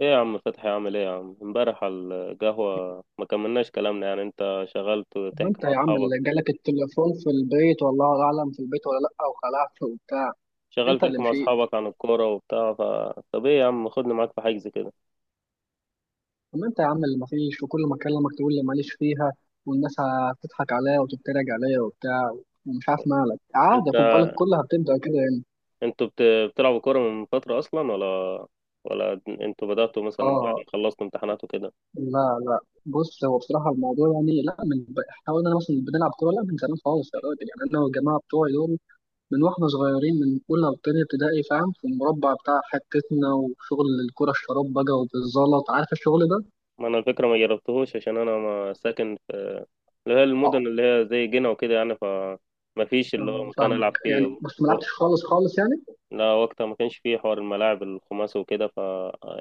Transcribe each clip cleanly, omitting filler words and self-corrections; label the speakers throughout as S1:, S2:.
S1: ايه يا عم فتحي؟ عامل ايه يا عم؟ امبارح على القهوة ما كملناش كلامنا يعني، انت شغلت
S2: طب
S1: تحكي
S2: انت
S1: مع
S2: يا عم
S1: اصحابك.
S2: اللي جالك التليفون في البيت، والله اعلم في البيت ولا لا، وخلعت وبتاع. انت اللي مشيت.
S1: عن الكورة وبتاع. طب ايه يا عم، خدني معاك في حجز كده.
S2: طب انت يا عم اللي مفيش، وكل ما اكلمك تقول لي ماليش فيها. والناس هتضحك عليا وتتريق عليا وبتاع. ومش عارف مالك. عادي،
S1: انت
S2: خد بالك، كلها بتبدا كده يعني.
S1: انتوا بتلعبوا كورة من فترة اصلا ولا انتوا بدأتوا مثلا بعد ما
S2: اه.
S1: خلصتوا امتحانات وكده؟
S2: لا لا. بص، هو بصراحه الموضوع يعني لا من احنا قلنا مثلا بنلعب كوره لا من زمان خالص يا راجل. يعني انا والجماعه بتوعي دول من واحنا صغيرين من أولى وتانية ابتدائي، فاهم، في المربع بتاع حتتنا، وشغل الكرة الشراب بقى وبالزلط، عارف الشغل ده؟
S1: ما انا الفكرة ما جربتهوش، عشان انا ما ساكن في اللي هي
S2: اه.
S1: المدن اللي هي زي جنة وكده يعني. ما فيش اللي هو
S2: آه،
S1: مكان
S2: فاهمك
S1: العب
S2: يعني،
S1: فيه.
S2: بس ما لعبتش خالص خالص يعني.
S1: لا وقتها ما كانش فيه حوار الملاعب الخماسي وكده،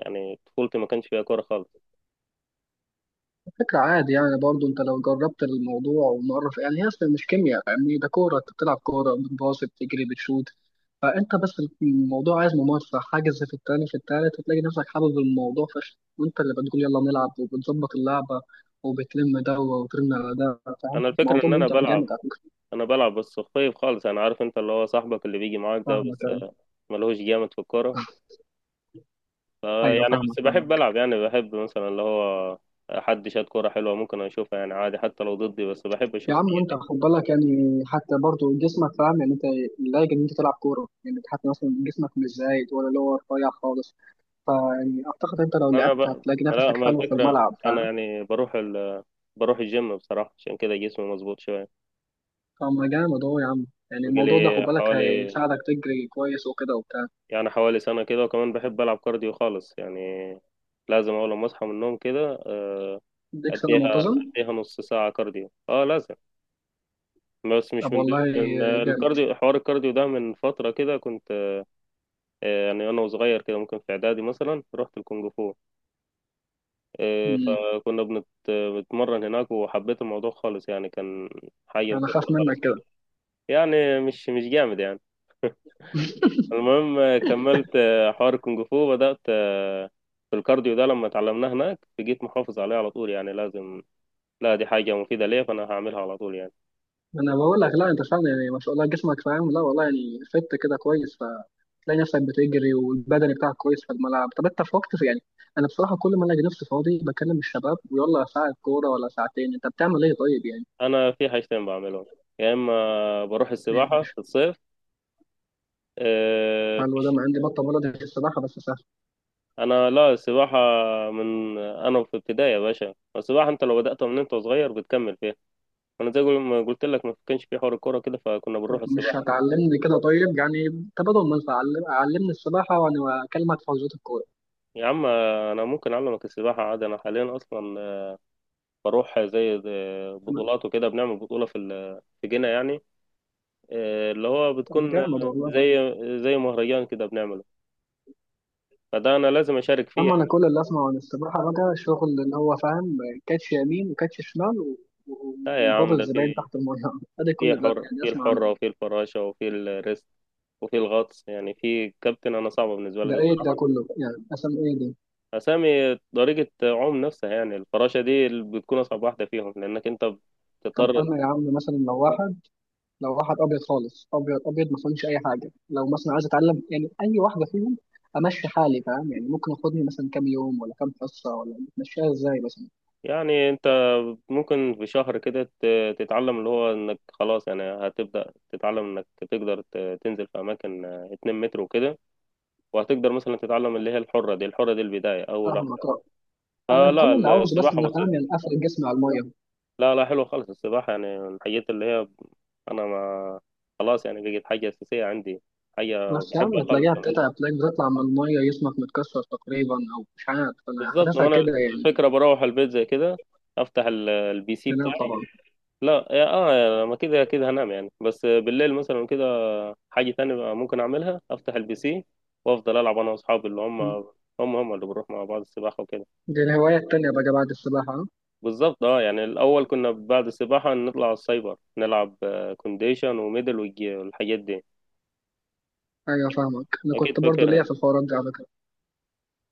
S1: يعني طفولتي ما كانش فيها كورة خالص.
S2: فكرة عادي يعني. برضو انت لو جربت الموضوع ومرة يعني هي اصلا مش كيمياء، فاهمني؟ ده كورة، انت بتلعب كورة، بتباصي، بتجري، بتشوت. فانت بس الموضوع عايز ممارسة. حاجز في التاني في التالت هتلاقي نفسك حابب الموضوع فشخ، وانت اللي بتقول يلا نلعب وبتظبط اللعبة. وبتلم ده وترن على ده. فاهم،
S1: انا الفكرة
S2: الموضوع
S1: ان انا
S2: ممتع جامد
S1: بلعب
S2: على فكرة.
S1: انا بلعب بس خفيف خالص. انا عارف انت اللي هو صاحبك اللي بيجي معاك ده،
S2: فاهمك،
S1: بس ملهوش جامد في الكورة ف
S2: ايوه،
S1: يعني
S2: فاهمك،
S1: بس بحب
S2: فاهمك.
S1: العب، يعني بحب مثلا اللي هو حد شاد كورة حلوة ممكن اشوفها يعني عادي حتى لو ضدي، بس بحب
S2: يا
S1: اشوفها.
S2: عم، وانت خد بالك يعني، حتى برضو جسمك، فاهم يعني، انت لايق ان انت تلعب كوره. يعني حتى مثلا جسمك مش زايد ولا اللي هو رفيع خالص. فيعني اعتقد انت لو
S1: انا ب...
S2: لعبت هتلاقي
S1: لا
S2: نفسك
S1: ما
S2: حلو في
S1: الفكرة،
S2: الملعب،
S1: انا
S2: فاهم.
S1: يعني بروح الجيم بصراحة، عشان كده جسمي مظبوط شوية.
S2: فما جامد اهو يا عم. يعني الموضوع ده خد
S1: بقالي
S2: بالك
S1: حوالي
S2: هيساعدك تجري كويس وكده وبتاع.
S1: يعني حوالي سنة كده. وكمان بحب ألعب كارديو خالص، يعني لازم أول ما أصحى من النوم كده. آه،
S2: اديك سنه
S1: أديها
S2: منتظم.
S1: أديها نص ساعة كارديو، أه لازم. بس مش
S2: طب
S1: من دول،
S2: والله
S1: من
S2: جامد.
S1: الكارديو، حوار الكارديو ده من فترة كده كنت يعني أنا وصغير كده ممكن في إعدادي مثلا رحت الكونغ فو. آه،
S2: مم.
S1: فكنا بنتمرن هناك، وحبيت الموضوع خالص يعني، كان حاجة
S2: انا خاف
S1: مفضلة خالص
S2: منك كده.
S1: يعني، يعني مش جامد يعني. المهم كملت حوار الكونغ فو، بدأت في الكارديو ده لما اتعلمناه هناك، جيت محافظ عليه على طول، يعني لازم، لا دي حاجة مفيدة ليا فأنا هعملها على طول يعني.
S2: انا بقول لك لا انت فعلا يعني ما شاء الله جسمك فاهم. لا والله يعني فت كده كويس، فتلاقي نفسك بتجري والبدني بتاعك كويس في الملعب. طب انت في وقت يعني. انا بصراحه كل ما الاقي نفسي فاضي بكلم الشباب ويلا ساعه كوره ولا ساعتين. انت بتعمل ايه طيب يعني؟
S1: أنا في حاجتين بعملهم، يا إما بروح
S2: إيه يا
S1: السباحة
S2: باشا؟
S1: في الصيف. آه، في
S2: قالوا ده
S1: الش-
S2: ما عندي بطه بلدي في السباحه بس سهل.
S1: أنا لا، السباحة من أنا في ابتدائي يا باشا. السباحة أنت لو بدأت من أنت صغير بتكمل فيها. أنا زي ما قلت لك، ما كانش في حوار الكورة كده فكنا
S2: طب
S1: بنروح
S2: مش
S1: السباحة.
S2: هتعلمني كده طيب يعني؟ تبادل منفعه، علمني السباحه وانا اكلمك في حجوزات الكوره.
S1: يا عم أنا ممكن أعلمك السباحة عادي. أنا حاليا أصلا بروح زي
S2: تمام.
S1: بطولات وكده، بنعمل بطولة في جنة يعني. اللي هو
S2: طب
S1: بتكون
S2: جامد والله.
S1: زي زي مهرجان كده بنعمله، فده أنا لازم أشارك فيه
S2: اما انا
S1: يعني.
S2: كل اللي اسمعه عن السباحه بقى شغل اللي هو فاهم، كاتش يمين وكاتش شمال و-
S1: لا يا
S2: وبابا
S1: عم ده
S2: الزباين
S1: في،
S2: تحت الميه ادي كل
S1: في
S2: ده
S1: حر،
S2: يعني
S1: في
S2: اسمع عنه.
S1: الحرة، وفي الفراشة، وفي الريست، وفي الغطس يعني، في كابتن، أنا صعبة بالنسبة لي
S2: ده
S1: دي
S2: ايه ده
S1: بصراحة.
S2: كله يعني؟ اسم ايه ده؟
S1: أسامي طريقة عوم نفسها يعني. الفراشة دي اللي بتكون أصعب واحدة فيهم، لأنك أنت
S2: طب
S1: بتضطر.
S2: انا يا عم مثلا لو واحد ابيض خالص ابيض ابيض ما فهمش اي حاجه، لو مثلا عايز اتعلم يعني اي واحده فيهم. امشي حالي، فاهم يعني؟ ممكن اخدني مثلا كام يوم ولا كام حصه، ولا بتمشيها ازاي مثلا؟
S1: يعني انت ممكن في شهر كده تتعلم اللي هو انك خلاص، يعني هتبدأ تتعلم انك تقدر تنزل في اماكن 2 متر وكده. وهتقدر مثلا تتعلم اللي هي الحرة دي البداية، اول
S2: فاهمك،
S1: واحدة،
S2: آه. انا كل
S1: فلا
S2: اللي عاوزه بس ان
S1: السباحة
S2: أنا فاهم
S1: بسيطة.
S2: يعني افرد جسمي على الميه.
S1: لا لا، حلوة خالص السباحة يعني، من الحاجات اللي هي، انا ما خلاص يعني بقت حاجة اساسية عندي، حاجة
S2: بس يا
S1: بحبها
S2: عم
S1: خالص
S2: تلاقيها
S1: كمان.
S2: بتتعب، تلاقيك بتطلع من المية جسمك متكسر تقريبا، أو مش عارف، أنا
S1: بالظبط. ما
S2: حاسسها
S1: انا
S2: كده يعني.
S1: الفكرة بروح البيت زي كده افتح البي سي
S2: تنام
S1: بتاعي.
S2: طبعا.
S1: لا يا اه، ما كده كده هنام يعني. بس بالليل مثلا حاجة تانية بقى ممكن أعملها، أفتح البي سي وأفضل ألعب أنا وأصحابي اللي هم، هم هم اللي بنروح مع بعض السباحة وكده.
S2: دي الهواية التانية بقى بعد السباحة.
S1: بالظبط. اه، يعني الأول كنا بعد السباحة نطلع على السايبر نلعب كونديشن وميدل والحاجات دي.
S2: أيوة، فاهمك، أنا
S1: أكيد
S2: كنت برضو ليا
S1: فاكرها.
S2: في الحوارات دي على فكرة.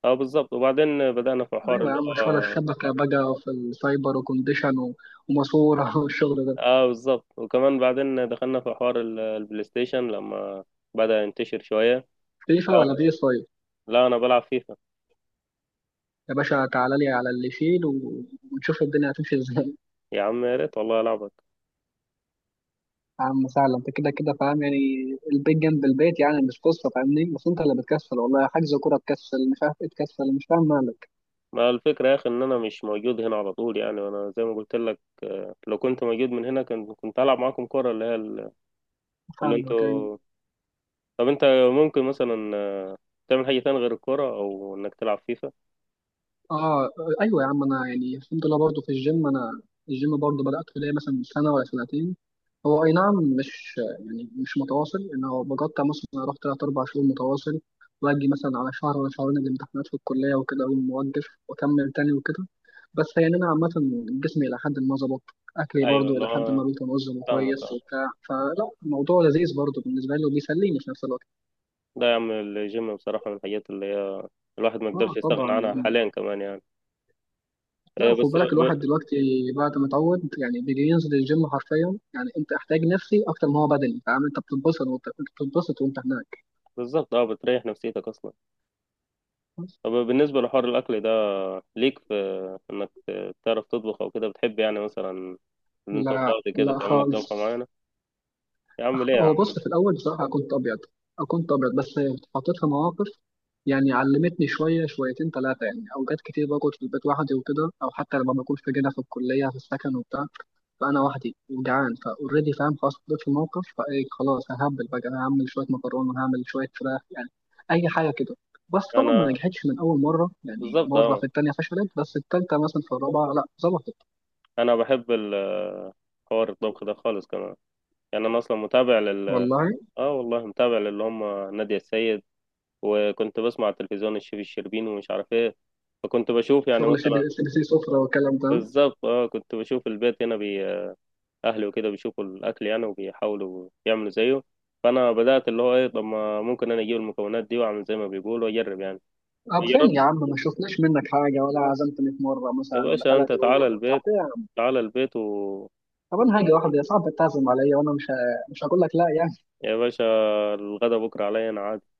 S1: اه بالظبط، وبعدين بدأنا في حوار
S2: أيوة
S1: اللي
S2: يا عم، مش ولا
S1: هو،
S2: الشبكة بقى في السايبر وكونديشن وماسورة والشغل ده.
S1: اه بالظبط، وكمان بعدين دخلنا في حوار البلاي ستيشن لما بدأ ينتشر شوية.
S2: فيفا ولا
S1: آه،
S2: بي سايب؟
S1: لا أنا بلعب فيفا.
S2: يا باشا تعالى لي على اللي يشيل ونشوف الدنيا هتمشي ازاي
S1: يا عم يا ريت والله ألعبك.
S2: يا عم سهلة، انت كده كده فاهم يعني، البيت جنب البيت يعني، مش قصة فاهمني. بس انت اللي بتكسل والله، حجز كورة تكسل، مش عارف ايه تكسل، مش فاهم مالك.
S1: ما الفكرة يا أخي إن أنا مش موجود هنا على طول يعني، وأنا زي ما قلت لك، لو كنت موجود من هنا كنت هلعب معاكم كورة اللي هي ال- اللي
S2: فاهمك، ايوه،
S1: انتوا طب انت ممكن مثلا تعمل حاجة تانية غير الكورة، او انك تلعب فيفا؟
S2: اه. ايوه يا عم، انا يعني الحمد لله برضه في الجيم انا. الجيم برضه بدأته ليا مثلا سنة ولا سنتين. هو اي نعم، مش يعني مش متواصل، ان هو بقطع مثلا. اروح تلات اربع شهور متواصل، واجي مثلا على شهر ولا شهرين الامتحانات في الكلية وكده، اقوم موقف واكمل تاني وكده. بس يعني انا عامة جسمي الى حد ما ظبط. اكلي
S1: ايوه
S2: برضه
S1: اللي
S2: الى حد
S1: هو،
S2: ما بيتنظم
S1: فاهمك
S2: كويس
S1: اه.
S2: وبتاع، فلا الموضوع لذيذ برضه بالنسبة لي وبيسليني في نفس الوقت.
S1: ده يا عم الجيم بصراحة من الحاجات اللي هي الواحد ما يقدرش
S2: اه
S1: يستغنى
S2: طبعا.
S1: عنها حاليا كمان يعني.
S2: لا
S1: آه،
S2: خد
S1: بس
S2: بالك الواحد
S1: ب...
S2: دلوقتي بعد ما اتعود يعني بيجي ينزل الجيم حرفيا. يعني انت احتاج نفسي اكتر ما هو بدني، فاهم، انت بتتبسط وانت بتتبسط وانت هناك.
S1: بالظبط اه، بتريح نفسيتك اصلا. طب بالنسبة لحوار الاكل ده، ليك في انك تعرف تطبخ او كده؟ بتحب يعني مثلا ان انت
S2: لا
S1: فاضي كده
S2: لا
S1: تعمل لك طبخة
S2: خالص.
S1: معينة؟ يا عم ليه يا
S2: هو
S1: عم؟
S2: بص في الاول بصراحه كنت ابيض بس اتحطيت في مواقف. يعني علمتني شويه، شويتين ثلاثه يعني، اوقات كتير بقعد في البيت لوحدي وكده، او حتى لما بكون في جنة في الكليه في السكن وبتاع. فانا وحدي وجعان فاوريدي فاهم، خلاص اتحطيت في الموقف. فايه، خلاص ههبل بقى، انا هعمل شويه مكرونه، هعمل شويه فراخ يعني، اي حاجه كده. بس طبعا ما
S1: انا
S2: نجحتش من اول مره يعني،
S1: بالظبط
S2: مره في
S1: اه،
S2: الثانيه فشلت، بس الثالثه مثلا في الرابعه لا ظبطت.
S1: انا بحب حوار الطبخ ده خالص كمان. يعني انا اصلا متابع
S2: والله
S1: اه والله متابع، للي هم نادية السيد، وكنت بسمع على التلفزيون الشيف الشربيني ومش عارف ايه، فكنت بشوف يعني
S2: شغل سي بي
S1: مثلا،
S2: سي، بي سي سفره، والكلام ده.
S1: بالظبط اه، كنت بشوف البيت هنا، اهلي وكده بيشوفوا الاكل يعني وبيحاولوا يعملوا زيه، فانا بدات اللي هو ايه، طب ما ممكن انا اجيب المكونات دي واعمل زي ما بيقولوا واجرب يعني؟
S2: طب فين
S1: جربت.
S2: يا عم؟ ما شفناش منك حاجه ولا عزمتني في مره
S1: يا
S2: مثلا ولا
S1: باشا انت
S2: ثلاثه يوم،
S1: تعالى
S2: ولا بتاع،
S1: البيت.
S2: فين يا عم؟
S1: تعالى البيت و
S2: طب انا هاجي واحده يا صاحبي تعزم عليا وانا مش هقول لك لا يعني.
S1: يا باشا، الغدا بكره عليا، انا عازمك،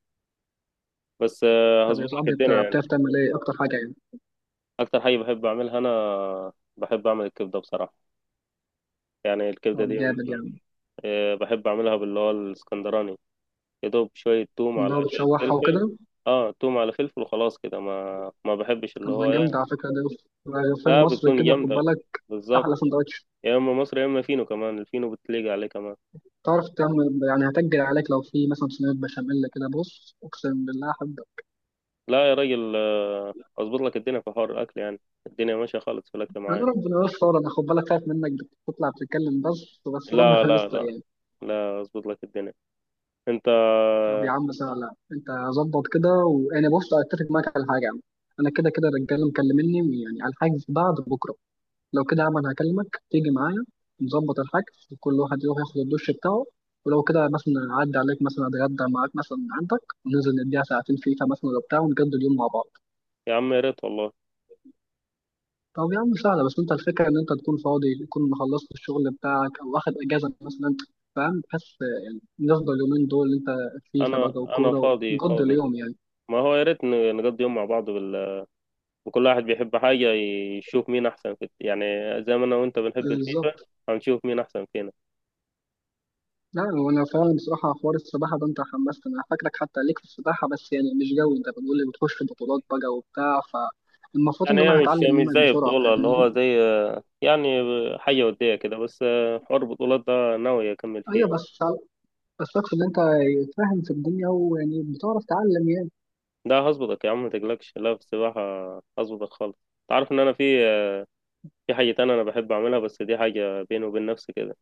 S1: بس
S2: طب يا
S1: هظبط لك
S2: صاحبي، انت
S1: الدنيا يعني.
S2: بتعرف تعمل ايه اكتر حاجه يعني؟
S1: اكتر حاجه بحب اعملها، انا بحب اعمل الكبده بصراحه. يعني الكبده
S2: طب
S1: دي.
S2: جامد يعني.
S1: بحب اعملها باللي هو الاسكندراني، يا دوب شويه توم
S2: اللي
S1: على
S2: هو
S1: شويه
S2: بتشوحها وكده.
S1: فلفل. اه، توم على فلفل وخلاص كده، ما بحبش
S2: طب
S1: اللي هو
S2: ما جامد على
S1: ايه.
S2: فكرة ده، رغيفين
S1: لا
S2: مصر
S1: بتكون
S2: كده خد
S1: جامده
S2: بالك، أحلى
S1: بالظبط.
S2: سندوتش.
S1: يا اما مصري، يا اما فينو كمان، الفينو بتليق عليه كمان.
S2: تعرف تعمل يعني، هتجري عليك لو في مثلا صينية بشاميل كده، بص أقسم بالله أحب.
S1: لا يا راجل، اظبط لك الدنيا في حوار الاكل يعني. الدنيا ماشيه خالص في الاكل
S2: أنا
S1: معايا.
S2: ربنا يستر، أنا خد بالك خايف منك، بتطلع بتتكلم بس، بس ربنا
S1: لا لا
S2: يستر
S1: لا،
S2: يعني.
S1: لا اظبط لك الدنيا. انت،
S2: طب يا عم سهلة، أنت ظبط كده وأنا بص، أتفق معاك على حاجة يا عم. أنا كده كده الرجالة مكلمني يعني على الحاجز بعد بكرة. لو كده يا عم انا هكلمك تيجي معايا، نظبط الحجز وكل واحد يروح ياخد الدش بتاعه. ولو كده مثلا اعدي عليك مثلا اتغدى معاك مثلا عندك، وننزل نديها ساعتين فيفا مثلا ولا بتاع ونجدد اليوم مع بعض.
S1: يا عم يا ريت والله.
S2: طب يا عم سهله، بس انت الفكره ان انت تكون فاضي، تكون خلصت الشغل بتاعك او واخد اجازه مثلا، فاهم؟ بحس يعني نفضل اليومين دول انت، فيفا بقى
S1: انا انا
S2: وكوره
S1: فاضي
S2: ونقضي
S1: فاضي.
S2: اليوم يعني.
S1: ما هو يا ريت نقضي يوم مع بعض وكل واحد بيحب حاجة، يشوف مين احسن في يعني، زي ما انا وانت بنحب الفيفا،
S2: بالظبط.
S1: هنشوف مين احسن فينا.
S2: لا هو انا فعلا بصراحه حوار السباحه ده انت حمستني، انا فاكرك حتى ليك في السباحه، بس يعني مش جوي. انت بتقول لي بتخش في بطولات بقى وبتاع، فالمفروض
S1: يعني
S2: ان انا
S1: هي مش
S2: هتعلم
S1: مش
S2: منك
S1: زي
S2: بسرعه،
S1: بطولة، اللي
S2: فاهمني.
S1: هو زي يعني حاجة ودية كده، بس حوار البطولات ده ناوي اكمل فيه.
S2: ايوه، بس اقصد ان انت فاهم في الدنيا ويعني بتعرف تعلم يعني.
S1: ده هظبطك يا عم ما تقلقش، لا في السباحة هظبطك خالص. تعرف ان انا في، في حاجة تانية انا بحب اعملها، بس دي حاجة بيني وبين نفسي كده.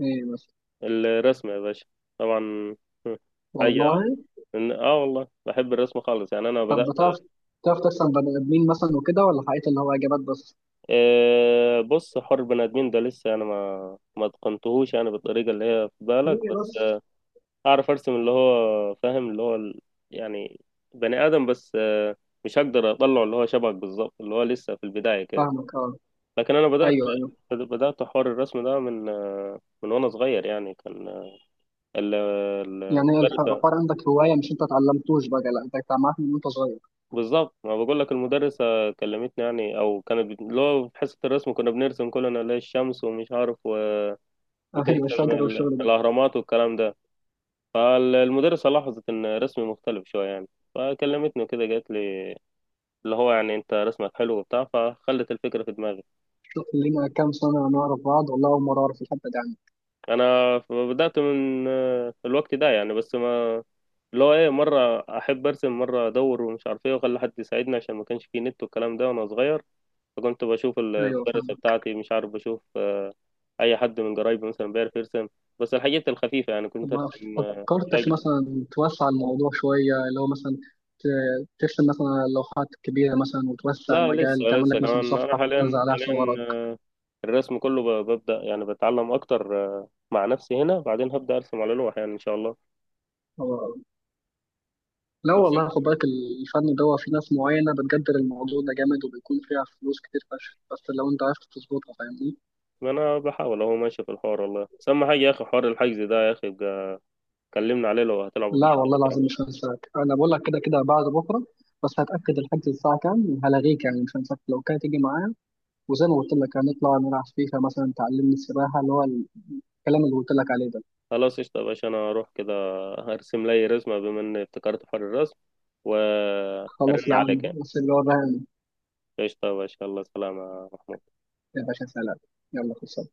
S2: ايه بس
S1: الرسم يا باشا، طبعا. حاجة،
S2: والله.
S1: اه والله بحب الرسم خالص يعني. انا
S2: طب
S1: بدأت،
S2: بتعرف تحسن بني ادمين مثلا وكده، ولا حقيقة اللي هو اجابات بس؟
S1: بص، حر بني ادمين ده لسه انا ما اتقنتهوش يعني بالطريقه اللي هي في بالك.
S2: ليه
S1: بس
S2: بس.
S1: اعرف ارسم اللي هو فاهم اللي هو يعني بني ادم، بس مش هقدر اطلع اللي هو شبهك بالظبط، اللي هو لسه في البدايه كده.
S2: فاهمك، اه،
S1: لكن انا بدأت
S2: ايوه، ايوه.
S1: بدأت حوار الرسم ده من وانا صغير يعني، كان
S2: يعني
S1: المدرسه،
S2: الحوار عندك هوايه، مش انت اتعلمتوش بقى، لا انت اتعلمت من وانت صغير.
S1: بالظبط ما بقول لك، المدرسة كلمتني يعني، او كانت اللي هو في حصة الرسم كنا بنرسم كلنا اللي هي الشمس ومش عارف،
S2: ايوه
S1: وترسم
S2: الشجر والشغل ده.
S1: الاهرامات والكلام ده، فالمدرسة لاحظت ان رسمي مختلف شوية يعني، فكلمتني كده قالت لي اللي هو يعني انت رسمك حلو وبتاع، فخلت الفكرة في دماغي.
S2: لينا كام سنة نعرف بعض، والله أول مرة أعرف الحبة دي عنك.
S1: انا بدأت من الوقت ده يعني. بس ما اللي هو ايه، مرة احب ارسم، مرة ادور ومش عارف ايه، واخلي حد يساعدني، عشان ما كانش فيه نت والكلام ده وانا صغير، فكنت بشوف
S2: أيوه
S1: المدرسة
S2: فاهم.
S1: بتاعتي، مش عارف، بشوف اي حد من قرايبي مثلا بيعرف يرسم، بس الحاجات الخفيفه يعني،
S2: طب
S1: كنت
S2: ما
S1: ارسم
S2: فكرتش
S1: شجر.
S2: مثلا توسع الموضوع شوية، اللي هو مثلا ترسم مثلا على لوحات كبيرة مثلا وتوسع
S1: لا لسه،
S2: المجال، تعمل
S1: لسه
S2: لك مثلا
S1: كمان انا
S2: صفحة تنزل
S1: حاليا
S2: عليها
S1: حاليا
S2: صورك؟
S1: الرسم كله ببدا يعني بتعلم اكتر، مع نفسي هنا، بعدين هبدا ارسم على لوح يعني ان شاء الله.
S2: أو... لا
S1: بس انت
S2: والله خد بالك، الفن ده هو في ناس معينة بتقدر الموضوع ده جامد وبيكون فيها فلوس كتير فشخ، بس لو أنت عرفت تظبطها فاهمني.
S1: انا بحاول اهو ماشي في الحوار والله، بس اهم حاجه يا اخي حوار الحجز ده يا اخي بقى، كلمنا عليه لو هتلعبوا
S2: لا
S1: بجد
S2: والله
S1: بكره.
S2: العظيم مش هنساك، أنا بقول لك كده كده بعد بكرة. بس هتأكد الحجز الساعة كام وهلغيك يعني، مش هنساك، لو كده تيجي معايا، وزي ما قلت لك هنطلع نلعب فيفا مثلا، تعلمني السباحة، اللي هو الكلام اللي قلت لك عليه ده.
S1: خلاص قشطه يا باشا، انا اروح كده هرسم لي رسمه بما اني افتكرت حوار الرسم،
S2: خلاص
S1: وارن
S2: يا عم،
S1: عليك يعني.
S2: بس اللي هو بقى.
S1: قشطه يا باشا، الله سلامه يا محمود.
S2: يا باشا سلام. يلا خلصنا.